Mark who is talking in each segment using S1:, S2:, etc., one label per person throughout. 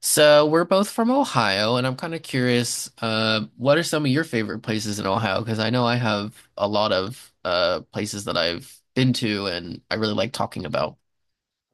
S1: So we're both from Ohio, and I'm kind of curious, what are some of your favorite places in Ohio? Because I know I have a lot of places that I've been to, and I really like talking about.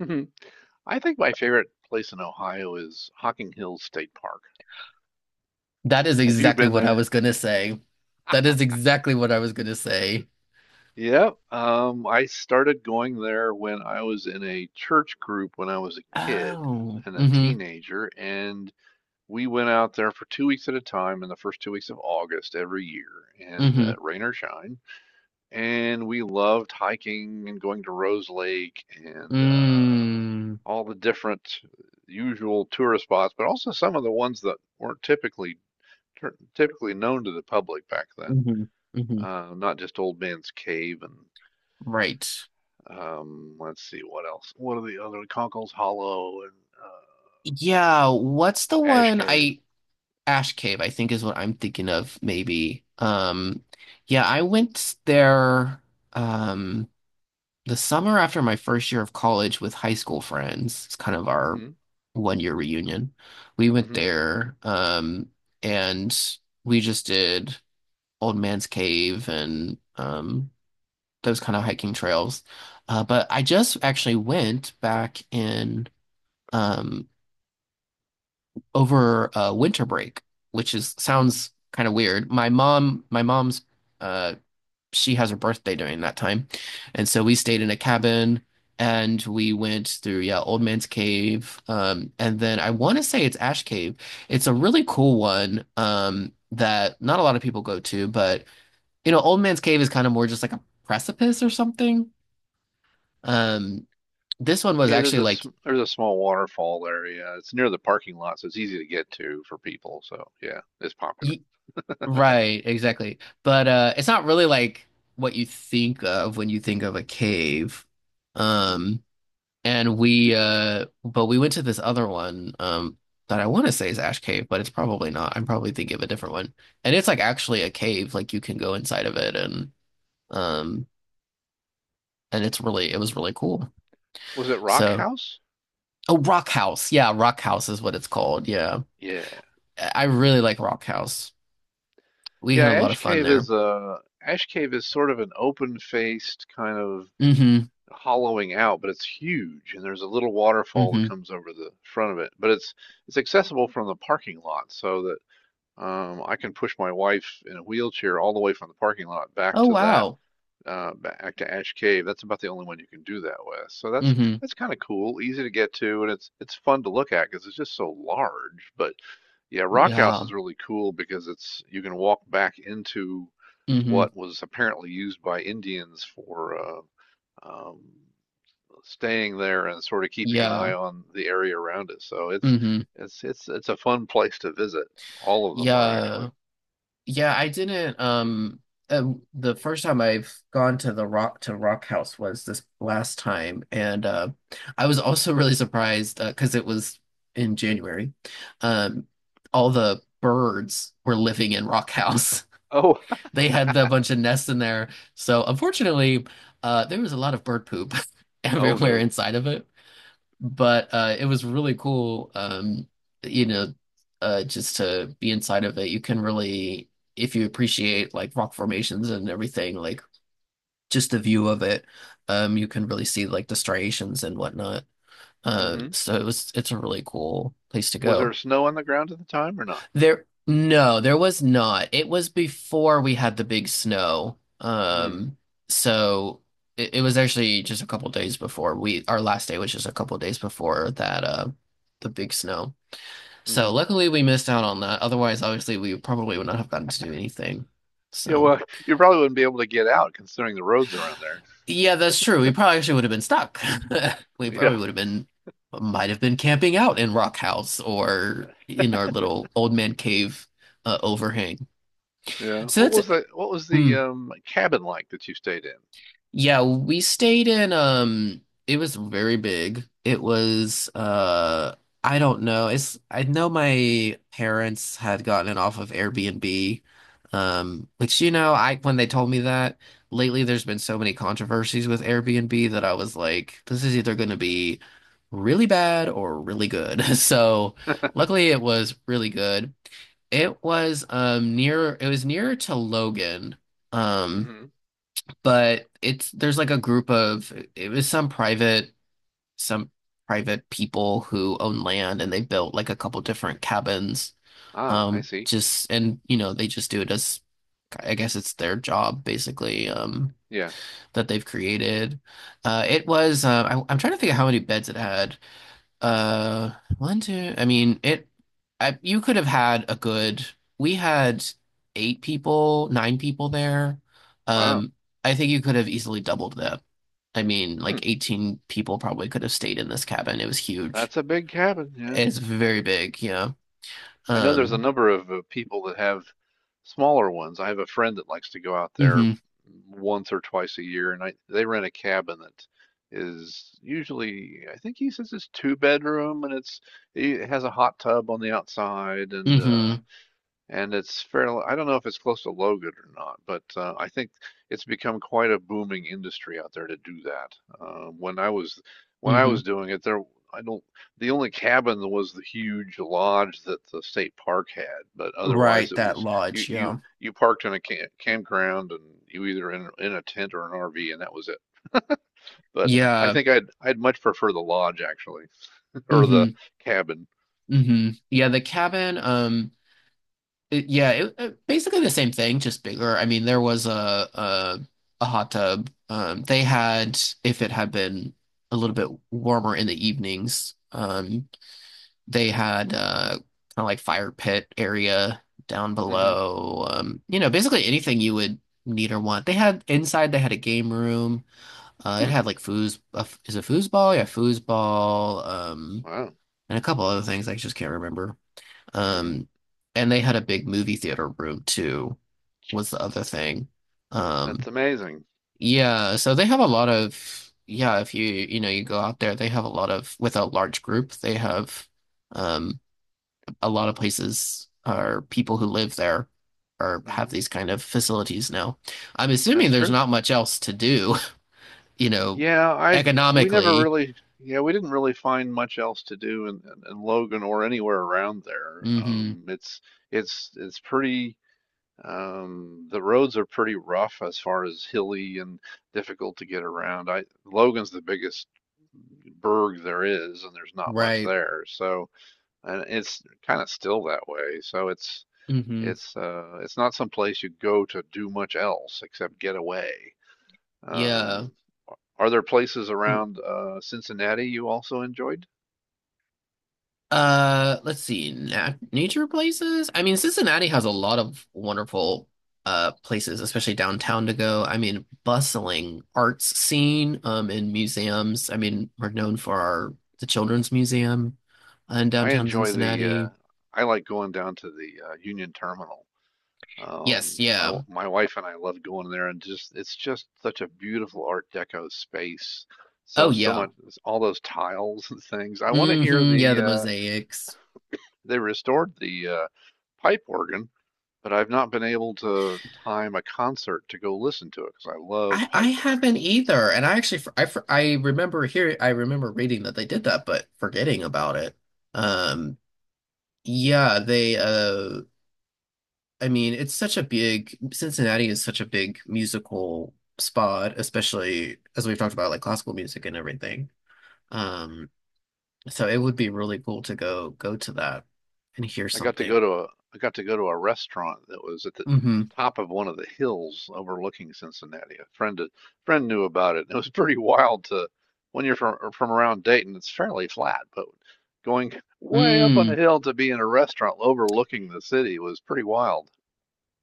S2: Mhm. I think my favorite place in Ohio is Hocking Hills State Park.
S1: That is
S2: Have you
S1: exactly
S2: been
S1: what I was
S2: there?
S1: gonna say. That is exactly what I was gonna say.
S2: Yep. I started going there when I was in a church group when I was a kid
S1: Oh,
S2: and a
S1: mm-hmm,
S2: teenager, and we went out there for 2 weeks at a time in the first 2 weeks of August every year, and
S1: mm-hmm,
S2: rain or shine. And we loved hiking and going to Rose Lake and
S1: mm,
S2: all the different usual tourist spots, but also some of the ones that weren't typically known to the public back then.
S1: mm-hmm, mm-hmm.
S2: Not just Old Man's Cave and
S1: Right.
S2: let's see what else. What are the other Conkle's Hollow and uh,
S1: Yeah, what's the
S2: Ash
S1: one
S2: Cave?
S1: I Ash Cave, I think is what I'm thinking of, maybe. Yeah, I went there um the summer after my first year of college with high school friends. It's kind of our
S2: Hmm.
S1: 1 year reunion. We went
S2: Hmm.
S1: there and we just did Old Man's Cave and those kind of hiking trails. But I just actually went back in um over winter break, which is sounds kind of weird. My mom's, uh, she has her birthday during that time, and so we stayed in a cabin and we went through, yeah, Old Man's Cave, and then I want to say it's Ash Cave. It's a really cool one, that not a lot of people go to, but you know, Old Man's Cave is kind of more just like a precipice or something. Um, this one was
S2: Yeah, there's
S1: actually
S2: a
S1: like.
S2: there's a small waterfall there. Yeah, it's near the parking lot, so it's easy to get to for people. So yeah, it's popular.
S1: Right, exactly. But it's not really like what you think of when you think of a cave.
S2: Hmm.
S1: Um and we but we went to this other one that I want to say is Ash Cave, but it's probably not. I'm probably thinking of a different one. And it's like actually a cave, like you can go inside of it um and it's really it was really cool.
S2: Was it Rock
S1: So,
S2: House?
S1: oh, Rock House. Yeah, Rock House is what it's called. Yeah.
S2: Yeah,
S1: I really like Rock House. We
S2: yeah.
S1: had a lot of fun there.
S2: Ash Cave is sort of an open-faced kind of
S1: Mm-hmm.
S2: hollowing out, but it's huge, and there's a little waterfall
S1: Mm-hmm.
S2: that comes over the front of it. But it's accessible from the parking lot, so that I can push my wife in a wheelchair all the way from the parking lot back
S1: Oh
S2: to that
S1: wow.
S2: back to Ash Cave. That's about the only one you can do that with. So
S1: Mm-hmm.
S2: that's kind of cool, easy to get to, and it's fun to look at because it's just so large. But yeah, Rock House
S1: Yeah.
S2: is really cool because it's you can walk back into
S1: Hmm.
S2: what was apparently used by Indians for um, staying there and sort of keeping an
S1: Yeah.
S2: eye on the area around it. So it's
S1: Hmm.
S2: it's it's it's a fun place to visit. All of them were actually.
S1: Yeah. Yeah, I didn't uh, the first time I've gone to the Rock House was this last time, and I was also really surprised, 'cause it was in January. Um, all the birds were living in Rock House.
S2: Oh,
S1: They had a bunch of nests in there. So unfortunately, there was a lot of bird poop
S2: oh
S1: everywhere
S2: no.
S1: inside of it. But it was really cool. You know, just to be inside of it, you can really, if you appreciate like rock formations and everything, like just the view of it, you can really see like the striations and whatnot.
S2: Hmm.
S1: It's a really cool place to
S2: Was there
S1: go.
S2: snow on the ground at the time or not?
S1: No, there was not. It was before we had the big snow.
S2: Mm.
S1: So it was actually just a couple days before our last day was just a couple days before that, the big snow. So
S2: Mm-hmm.
S1: luckily we missed out on that. Otherwise, obviously, we probably would not have gotten to do anything.
S2: Yeah,
S1: So
S2: well, you probably wouldn't be able to get out considering the roads around there.
S1: yeah, that's true. We probably actually would have been stuck. We probably
S2: Yeah,
S1: would have been, might have been camping out in Rock House or in our little old man cave, overhang.
S2: yeah.
S1: So that's.
S2: What was the
S1: Hmm.
S2: cabin like that you stayed
S1: Yeah, we stayed in it was very big. It was I don't know. It's I know my parents had gotten it off of Airbnb. Um, which, you know, I when they told me that lately there's been so many controversies with Airbnb, that I was like, this is either going to be really bad or really good. So
S2: in?
S1: luckily it was really good. It was nearer to Logan. Um
S2: Hmm.
S1: but it's there's like a group of it was some private people who own land, and they built like a couple different cabins,
S2: Ah, I see.
S1: just and you know, they just do it as, I guess, it's their job basically,
S2: Yeah.
S1: that they've created. I'm trying to think of how many beds it had. uh, One, two. I mean, it. I you could have had a good. We had eight people, nine people there.
S2: Wow.
S1: Um, I think you could have easily doubled that. I mean,
S2: Hmm.
S1: like 18 people probably could have stayed in this cabin. It was huge.
S2: That's a big cabin. Yeah.
S1: It's very big, yeah.
S2: I know there's a
S1: Um,
S2: number of people that have smaller ones. I have a friend that likes to go out there
S1: mm-hmm,
S2: once or twice a year, and I they rent a cabin that is usually, I think he says it's two bedroom, and it has a hot tub on the outside,
S1: mm-hmm,
S2: and it's fairly, I don't know if it's close to Logan or not, but I think it's become quite a booming industry out there to do that. Uh, when I was when I
S1: mm-hmm.
S2: was doing it, there I don't the only cabin was the huge lodge that the state park had, but otherwise
S1: Right,
S2: it
S1: that
S2: was
S1: lodge, yeah.
S2: you parked in a camp, campground and you either in a tent or an RV and that was it. But I
S1: Yeah.
S2: think I'd much prefer the lodge actually or
S1: Mm-hmm.
S2: the cabin.
S1: Mm-hmm. Yeah, the cabin, basically the same thing, just bigger. I mean, there was a, a hot tub. They had, if it had been a little bit warmer in the evenings, they had kind of like fire pit area down
S2: Hmm.
S1: below. You know, basically anything you would need or want. They had inside. They had a game room. It
S2: Hmm.
S1: had like foos. Is it foosball? Yeah, foosball.
S2: Wow.
S1: And a couple other things I just can't remember.
S2: Hmm.
S1: Um, and they had a big movie theater room too, was the other thing.
S2: That's
S1: Um,
S2: amazing.
S1: yeah, so they have a lot of, yeah, if you, you know, you go out there, they have a lot of, with a large group, they have um a lot of places or people who live there or have
S2: Hmm.
S1: these kind of facilities now. I'm assuming
S2: That's
S1: there's
S2: true.
S1: not much else to do, you know,
S2: Yeah, I
S1: economically.
S2: yeah, we didn't really find much else to do in Logan or anywhere around there.
S1: Hmm.
S2: It's it's pretty the roads are pretty rough as far as hilly and difficult to get around. I Logan's the biggest burg there is, and there's not much
S1: Right.
S2: there. So and it's kind of still that way. So
S1: Hmm.
S2: it's not some place you go to do much else except get away.
S1: Yeah.
S2: Um, Are there places around Cincinnati you also enjoyed?
S1: Let's see. Na nature places. I mean, Cincinnati has a lot of wonderful places, especially downtown to go. I mean, bustling arts scene, and museums. I mean, we're known
S2: Mhm.
S1: for our the Children's Museum in
S2: I
S1: downtown
S2: enjoy the
S1: Cincinnati.
S2: I like going down to the Union Terminal.
S1: Yes,
S2: My
S1: yeah.
S2: my wife and I love going there, and just it's just such a beautiful Art Deco space.
S1: Oh
S2: So so
S1: yeah.
S2: much all those tiles and things. I want to hear
S1: Hmm, yeah,
S2: the
S1: the mosaics.
S2: they restored the pipe organ, but I've not been able to time a concert to go listen to it because I love
S1: I
S2: pipe
S1: haven't
S2: organs.
S1: either, and I actually I remember hearing I remember reading that they did that, but forgetting about it. Um, yeah, they I mean, it's such a big, Cincinnati is such a big musical spot, especially as we've talked about, like, classical music and everything. Um, so it would be really cool to go to that and hear
S2: I got to
S1: something.
S2: go to a I got to go to a restaurant that was at the
S1: Hmm.
S2: top of one of the hills overlooking Cincinnati. A friend knew about it. It was pretty wild to when you're from around Dayton, it's fairly flat, but going way up on a
S1: Mm.
S2: hill to be in a restaurant overlooking the city was pretty wild.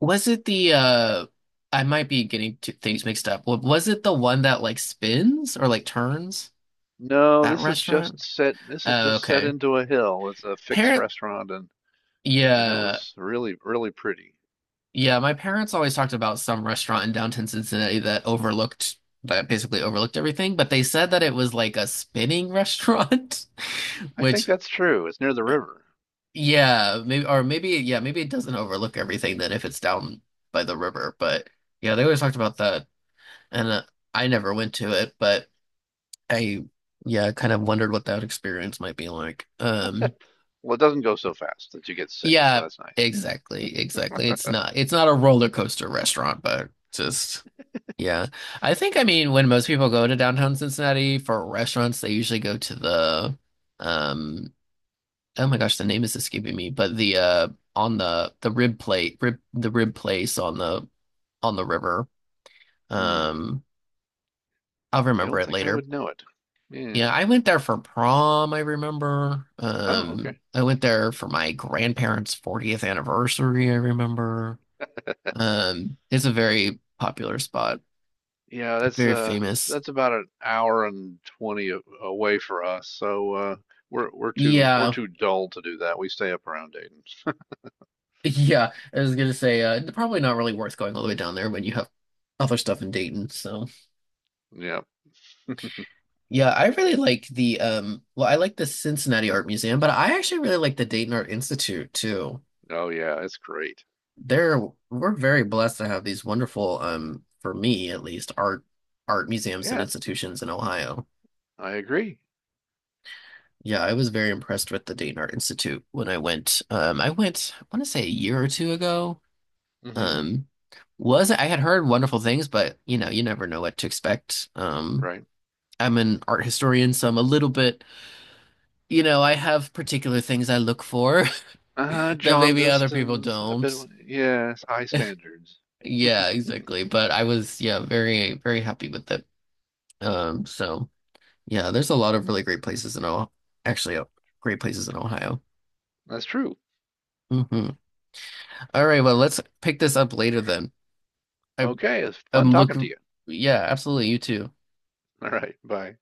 S1: Was it the I might be getting two things mixed up. Was it the one that like spins or like turns?
S2: No,
S1: That restaurant?
S2: this is
S1: Oh,
S2: just set
S1: okay.
S2: into a hill. It's a fixed
S1: Parent,
S2: restaurant and it
S1: yeah.
S2: was really really pretty.
S1: Yeah, my parents always talked about some restaurant in downtown Cincinnati that basically overlooked everything, but they said that it was like a spinning restaurant,
S2: I think
S1: which,
S2: that's true. It's near the river.
S1: yeah, maybe, or maybe, yeah, maybe it doesn't overlook everything then if it's down by the river. But yeah, they always talked about that. And I never went to it, but I, yeah, kind of wondered what that experience might be like.
S2: Well, it doesn't go so fast that you get sick, so
S1: Yeah,
S2: that's nice.
S1: exactly, exactly. It's not a roller coaster restaurant, but just. Yeah. I think, I mean, when most people go to downtown Cincinnati for restaurants, they usually go to the, um, oh my gosh, the name is escaping me, but the rib place on the river.
S2: Hmm.
S1: Um, I'll
S2: I
S1: remember
S2: don't
S1: it
S2: think I
S1: later.
S2: would know it. Yeah.
S1: Yeah. I went there for prom, I remember.
S2: Oh, okay.
S1: I went there for my grandparents' 40th anniversary, I remember. It's a very popular spot,
S2: Yeah,
S1: very famous.
S2: that's about an hour and 20 away for us. So we're
S1: Yeah.
S2: too dull to do that. We stay up around Dayton.
S1: Yeah, I was gonna say, probably not really worth going all the way down there when you have other stuff in Dayton. So
S2: Yeah.
S1: yeah, I really like the, well, I like the Cincinnati Art Museum, but I actually really like the Dayton Art Institute too.
S2: Oh, yeah. It's great.
S1: They're we're very blessed to have these wonderful, for me at least, art museums and
S2: Yeah,
S1: institutions in Ohio.
S2: I agree.
S1: Yeah, I was very impressed with the Dayton Art Institute when I went. I want to say a year or two ago.
S2: Mm-hmm.
S1: Um, was I had heard wonderful things, but you know, you never know what to expect.
S2: Right.
S1: I'm an art historian, so I'm a little bit, you know, I have particular things I look for that
S2: John
S1: maybe other people
S2: Distance. A bit.
S1: don't.
S2: Yes, high standards.
S1: Yeah, exactly. But I was, yeah, very, very happy with it. So yeah, there's a lot of really great places in Ohio, actually, great places in Ohio.
S2: That's true.
S1: Hmm. All right, well, let's pick this up later then. I,
S2: Okay, it's fun
S1: I'm
S2: talking to
S1: looking,
S2: you.
S1: yeah, absolutely, you too.
S2: All right. Bye.